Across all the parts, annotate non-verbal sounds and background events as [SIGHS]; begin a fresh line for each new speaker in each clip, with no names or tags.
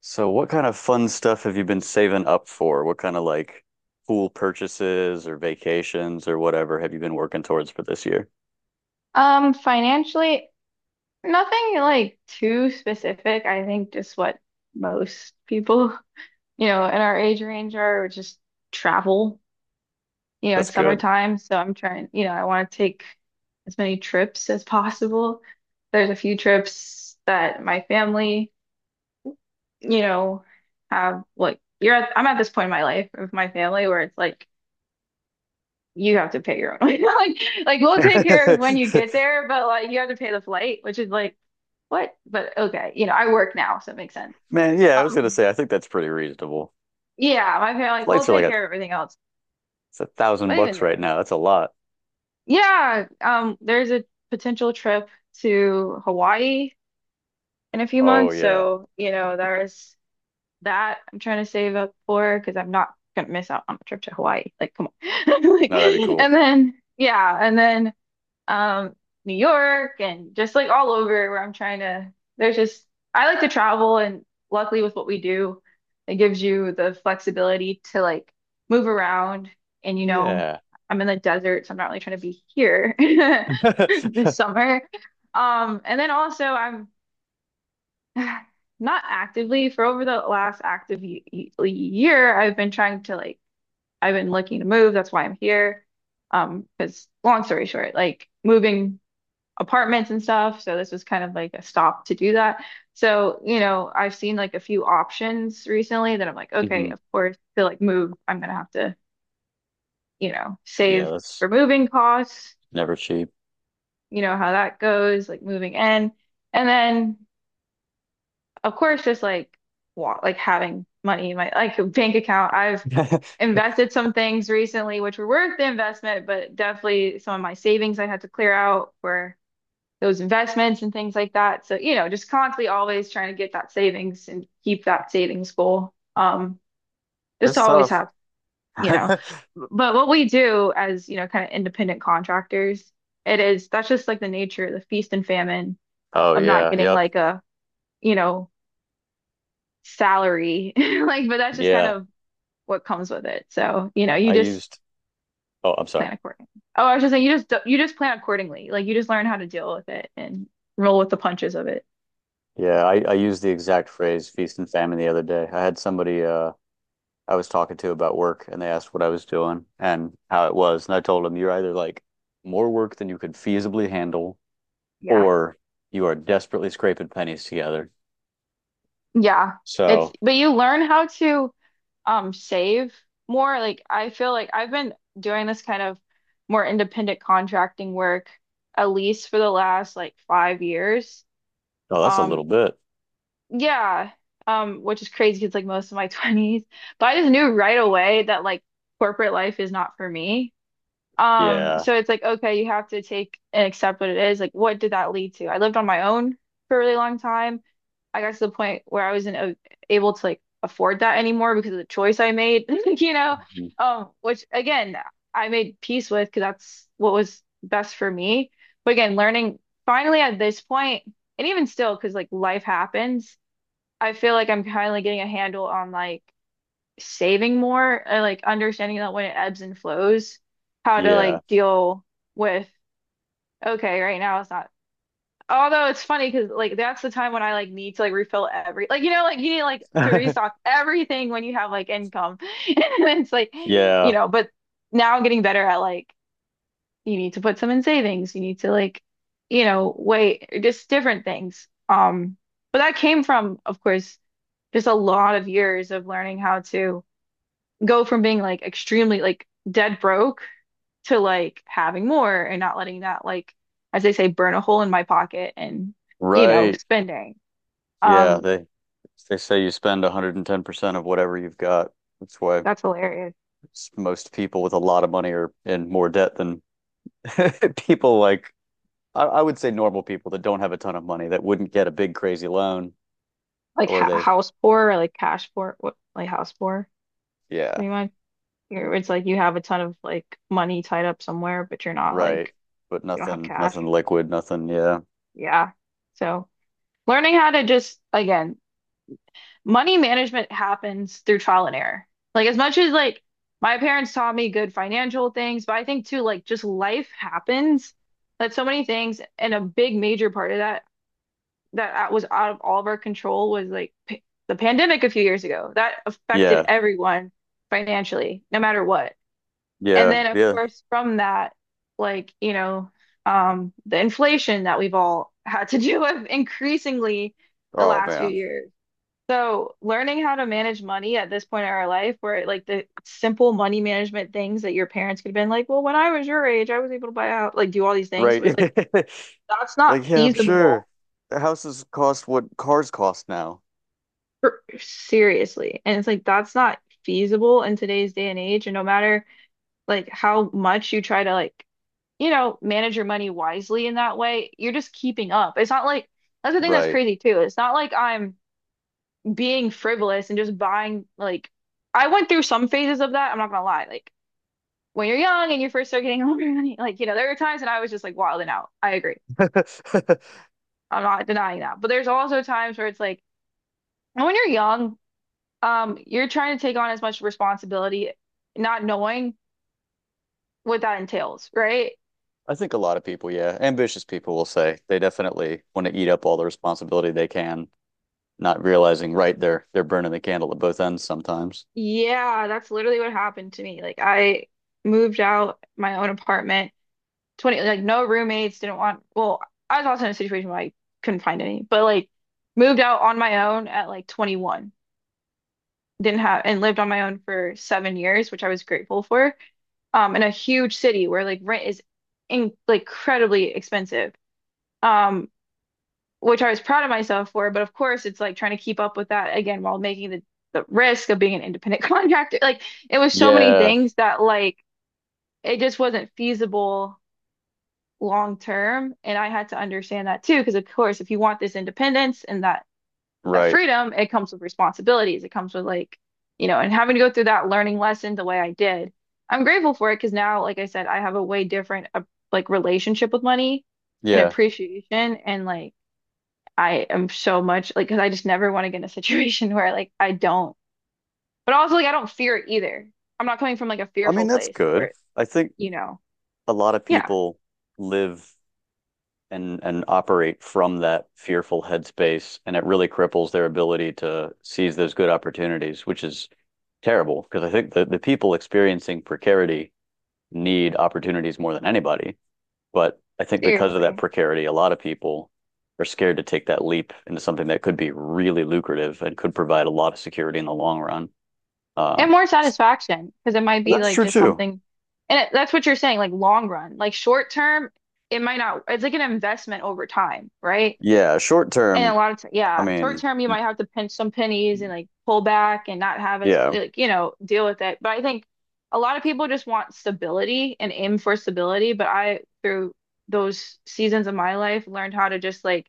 So what kind of fun stuff have you been saving up for? What kind of like cool purchases or vacations or whatever have you been working towards for this year?
Financially, nothing like too specific. I think just what most people, you know, in our age range are, which is travel. You know,
That's
it's
good.
summertime, so I'm trying, you know, I want to take as many trips as possible. There's a few trips that my family, you know, have like you're at, I'm at this point in my life with my family where it's like you have to pay your own way. [LAUGHS] Like
[LAUGHS]
we'll take care of
Man,
when you get there, but like you have to pay the flight, which is like, what? But okay, you know, I work now, so it makes sense.
yeah, I was
Um,
gonna say I think that's pretty reasonable.
yeah, my parents like, we'll
Flights are like
take
a
care of everything else.
it's a thousand
But even
bucks right
then,
now. That's a lot.
yeah, there's a potential trip to Hawaii in a few
Oh
months,
yeah.
so you know, there's that I'm trying to save up for because I'm not gonna miss out on a trip to Hawaii. Like, come on. [LAUGHS] Like,
No, that'd be cool.
and then yeah, and then um, New York and just like all over where I'm trying to. There's just, I like to travel, and luckily with what we do, it gives you the flexibility to like move around. And you know,
Yeah.
I'm in the desert, so I'm not really trying to be here [LAUGHS] this
[LAUGHS]
summer. And then also I'm [SIGHS] not actively for over the last active year, I've been trying to like, I've been looking to move. That's why I'm here. Because long story short, like moving apartments and stuff. So this was kind of like a stop to do that. So, you know, I've seen like a few options recently that I'm like, okay,
hmm
of course, to like move, I'm gonna have to, you know,
Yeah,
save
that's
for moving costs,
never cheap.
you know, how that goes, like moving in. And then, of course, just like like having money in my like bank account. I've
[LAUGHS]
invested some things recently which were worth the investment, but definitely some of my savings I had to clear out for those investments and things like that. So, you know, just constantly always trying to get that savings and keep that savings goal. Just
It's
always
tough.
have, you know,
[LAUGHS]
but what we do as, you know, kind of independent contractors, it is that's just like the nature, the feast and famine
Oh
of not
yeah,
getting
yep.
like a, you know, salary. [LAUGHS] Like, but that's just kind
Yeah.
of what comes with it. So, you know, you
I
just
used oh, I'm sorry.
plan accordingly. Oh, I was just saying, you just plan accordingly. Like you just learn how to deal with it and roll with the punches of it.
Yeah, I used the exact phrase feast and famine the other day. I had somebody I was talking to about work, and they asked what I was doing and how it was. And I told them you're either like more work than you could feasibly handle,
Yeah.
or you are desperately scraping pennies together.
Yeah, it's
So,
but you learn how to save more. Like I feel like I've been doing this kind of more independent contracting work at least for the last like 5 years.
oh, that's a
Um
little bit.
yeah, which is crazy because like most of my [LAUGHS] 20s, but I just knew right away that like corporate life is not for me.
Yeah.
So it's like okay, you have to take and accept what it is. Like what did that lead to? I lived on my own for a really long time. I got to the point where I wasn't able to like afford that anymore because of the choice I made, [LAUGHS] you know,
Mhm.
which again, I made peace with because that's what was best for me. But again, learning finally at this point, and even still, because like life happens, I feel like I'm finally getting a handle on like saving more and like understanding that when it ebbs and flows, how to
Yeah.
like deal with, okay, right now it's not. Although it's funny because like that's the time when I like need to like refill every like you know like you need like to restock
[LAUGHS]
everything when you have like income [LAUGHS] and it's like you
Yeah.
know but now I'm getting better at like you need to put some in savings you need to like you know wait just different things but that came from of course just a lot of years of learning how to go from being like extremely like dead broke to like having more and not letting that like as they say burn a hole in my pocket and you know
Right.
spending
Yeah,
um
they say you spend 110% of whatever you've got. That's why
that's hilarious
most people with a lot of money are in more debt than [LAUGHS] people like I would say normal people that don't have a ton of money that wouldn't get a big crazy loan
like
or
ha
they,
house poor or like cash poor what like house poor what
yeah,
do you mind. You're, it's like you have a ton of like money tied up somewhere but you're not
right,
like
but
you don't have
nothing
cash,
nothing liquid, nothing. Yeah,
yeah. So learning how to just again money management happens through trial and error. Like as much as like my parents taught me good financial things, but I think too like just life happens. Like so many things, and a big major part of that that was out of all of our control was like p the pandemic a few years ago. That affected
yeah,
everyone financially, no matter what. And
yeah,
then of
yeah.
course from that, like, you know, the inflation that we've all had to [LAUGHS] deal with increasingly the
Oh
last few
man.
years. So, learning how to manage money at this point in our life, where like the simple money management things that your parents could have been like, well, when I was your age, I was able to buy out, like do all these things. So it's like,
Right.
that's
[LAUGHS]
not
Like, yeah, I'm sure
feasible
houses cost what cars cost now.
for, seriously. And it's like, that's not feasible in today's day and age. And no matter like how much you try to like, you know, manage your money wisely in that way, you're just keeping up. It's not like, that's the thing that's
Right.
crazy too. It's not like I'm being frivolous and just buying like I went through some phases of that, I'm not gonna lie. Like when you're young and you first start getting [LAUGHS] older, like you know, there are times when I was just like wilding out. I agree.
[LAUGHS]
I'm not denying that. But there's also times where it's like when you're young, you're trying to take on as much responsibility, not knowing what that entails, right?
I think a lot of people, yeah, ambitious people will say they definitely want to eat up all the responsibility they can, not realizing, right, they're burning the candle at both ends sometimes.
Yeah, that's literally what happened to me. Like I moved out my own apartment 20 like no roommates didn't want well I was also in a situation where I couldn't find any but like moved out on my own at like 21 didn't have and lived on my own for 7 years which I was grateful for in a huge city where like rent is in, like incredibly expensive um which I was proud of myself for but of course it's like trying to keep up with that again while making the risk of being an independent [LAUGHS] contractor like it was so many
Yeah.
things that like it just wasn't feasible long term. And I had to understand that too, because of course, if you want this independence and that
Right.
freedom, it comes with responsibilities. It comes with like, you know, and having to go through that learning lesson the way I did. I'm grateful for it because now, like I said, I have a way different like relationship with money and
Yeah.
appreciation and like I am so much like because I just never want to get in a [LAUGHS] situation where like I don't, but also like I don't fear it either. I'm not coming from like a
I mean,
fearful
that's
place
good.
where,
I think
you know,
a lot of
yeah,
people live and operate from that fearful headspace, and it really cripples their ability to seize those good opportunities, which is terrible because I think the people experiencing precarity need opportunities more than anybody. But I think because of that
seriously.
precarity, a lot of people are scared to take that leap into something that could be really lucrative and could provide a lot of security in the long run. Uh,
And more satisfaction because it might be
that's
like
true
just
too.
something, and it, that's what you're saying, like long run, like short term, it might not, it's like an investment over time, right?
Yeah, short
And a
term,
lot of, t
I
yeah, short
mean,
term, you might have to pinch some pennies and like pull back and not have as,
yeah,
like, you know, deal with it. But I think a lot of people just want stability and aim for stability. But I, through those seasons of my life, learned how to just like,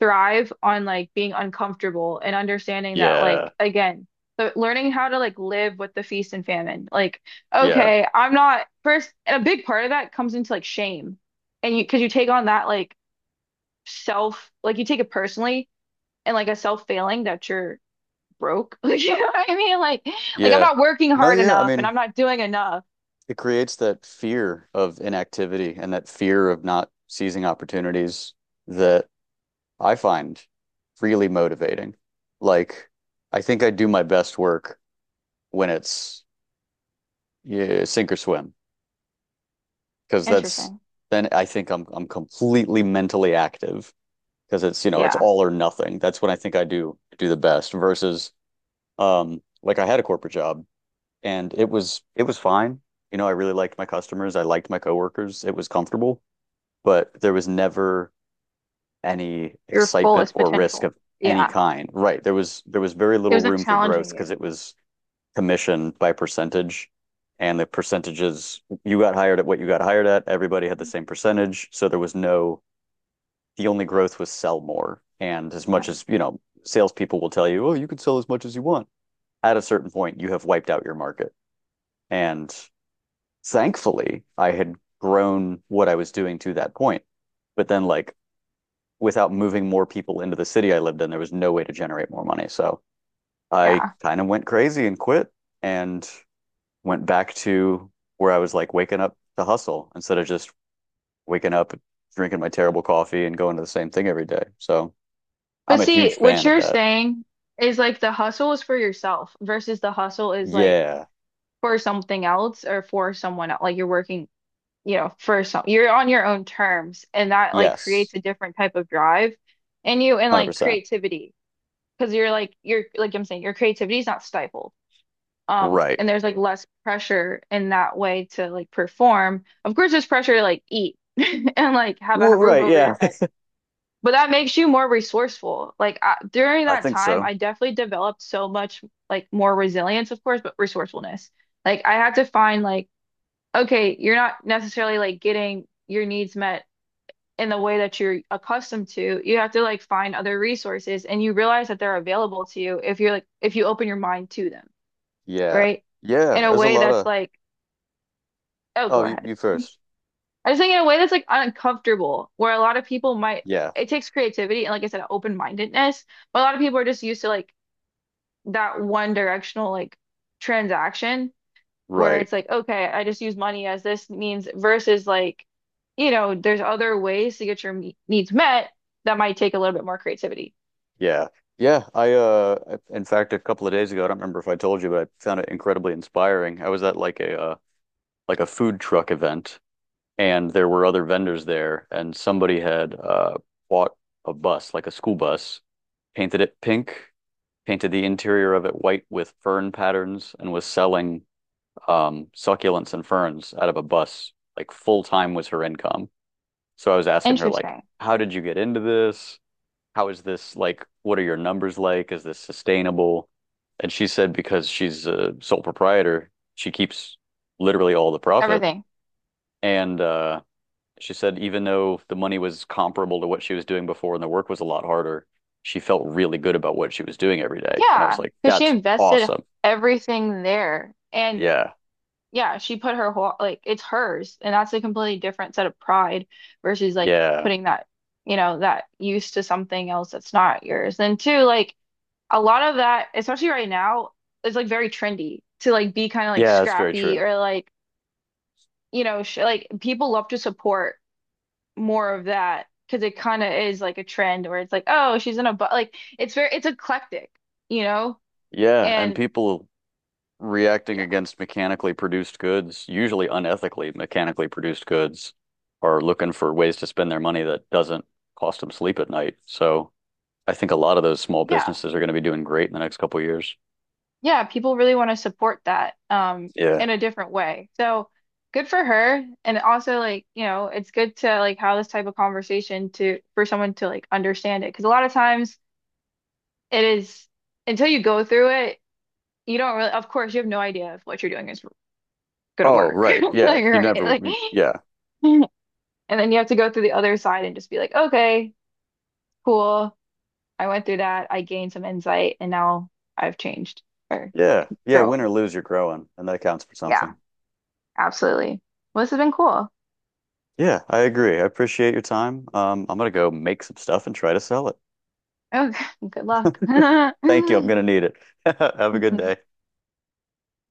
thrive on like being uncomfortable and understanding that
yeah,
like again the learning how to like live with the feast and famine like
yeah,
okay I'm not first and a big part of that comes into like shame and you because you take on that like self like you take it personally and like a self failing that you're broke [LAUGHS] you know what I mean like I'm
yeah.
not working
No,
hard
yeah. I
enough and
mean,
I'm not doing enough.
it creates that fear of inactivity and that fear of not seizing opportunities that I find really motivating. Like, I think I do my best work when it's, yeah, sink or swim, because that's
Interesting.
then I think I'm completely mentally active because it's, you know, it's
Yeah,
all or nothing. That's when I think I do do the best versus, um, like I had a corporate job, and it was fine. You know, I really liked my customers. I liked my coworkers. It was comfortable, but there was never any
your
excitement
fullest
or risk
potential,
of any
yeah,
kind. Right. There was very
it
little
wasn't
room for growth
challenging
because
you,
it was commission by percentage. And the percentages you got hired at what you got hired at, everybody had the same percentage. So there was no, the only growth was sell more. And as much as, you know, salespeople will tell you, oh, you can sell as much as you want. At a certain point, you have wiped out your market. And thankfully, I had grown what I was doing to that point. But then, like, without moving more people into the city I lived in, there was no way to generate more money. So I
yeah.
kind of went crazy and quit and went back to where I was like waking up to hustle instead of just waking up, drinking my terrible coffee and going to the same thing every day. So
But
I'm a
see,
huge
what
fan of
you're
that.
saying is like the hustle is for yourself versus the hustle is like
Yeah.
for something else or for someone else. Like you're working, you know, for some, you're on your own terms and that like
Yes.
creates a different type of drive in you and like
100%.
creativity. Because you're like I'm saying, your creativity is not stifled.
Right.
And there's like less pressure in that way to like perform. Of course, there's pressure to like eat [LAUGHS] and like have a
Well,
roof
right.
over your
Yeah.
head but that makes you more resourceful. Like I,
[LAUGHS]
during
I
that
think
time,
so.
I definitely developed so much like more resilience, of course, but resourcefulness. Like I had to find like, okay, you're not necessarily like getting your needs met in the way that you're accustomed to. You have to like find other resources and you realize that they're available to you if you're like if you open your mind to them,
Yeah.
right? In
Yeah.
a
There's a
way
lot
that's
of,
like, oh,
oh,
go
you,
ahead.
you first.
I just think in a way that's like uncomfortable, where a lot of people might,
Yeah,
it takes creativity and like I said, open-mindedness, but a lot of people are just used to like that one directional like transaction where
right.
it's like, okay, I just use money as this means versus like, you know, there's other ways to get your needs met that might take a little bit more creativity.
Yeah. Yeah, I, in fact a couple of days ago, I don't remember if I told you, but I found it incredibly inspiring. I was at like a food truck event, and there were other vendors there, and somebody had bought a bus, like a school bus, painted it pink, painted the interior of it white with fern patterns, and was selling succulents and ferns out of a bus. Like full time was her income. So I was asking her like,
Interesting.
how did you get into this? How is this like, what are your numbers like? Is this sustainable? And she said because she's a sole proprietor, she keeps literally all the profit.
Everything.
And she said even though the money was comparable to what she was doing before and the work was a lot harder, she felt really good about what she was doing every day. And I was
Yeah,
like,
because she
that's
invested
awesome.
everything there. And
Yeah.
yeah, she put her whole like it's hers, and that's a completely different set of pride versus like
Yeah.
putting that, you know, that use to something else that's not yours. And two, like a lot of that, especially right now, is like very trendy to like be kind of like
Yeah, that's very
scrappy
true.
or like, you know, sh like people love to support more of that because it kind of is like a trend where it's like, oh, she's in a but like it's very it's eclectic, you know?
Yeah, and
And
people reacting
yeah,
against mechanically produced goods, usually unethically mechanically produced goods, are looking for ways to spend their money that doesn't cost them sleep at night. So I think a lot of those small
yeah,
businesses are going to be doing great in the next couple of years.
yeah, people really want to support that
Yeah.
in a different way. So good for her. And also like, you know, it's good to like have this type of conversation to for someone to like understand it. Because a lot of times it is until you go through it, you don't really of course you have no idea if what you're doing is gonna
Oh,
work. [LAUGHS]
right.
Like,
Yeah.
all
You
right,
never,
like
yeah.
[LAUGHS] and then you have to go through the other side and just be like, okay, cool. I went through that. I gained some insight and now I've changed or
Yeah. Yeah. Win
grown.
or lose, you're growing, and that counts for
Yeah,
something.
absolutely. Well, this has been cool.
Yeah, I agree. I appreciate your time. I'm going to go make some stuff and try to sell it.
Okay, [LAUGHS] good luck.
[LAUGHS] Thank you. I'm going to
[LAUGHS]
need it. [LAUGHS] Have a good day.
Mhm.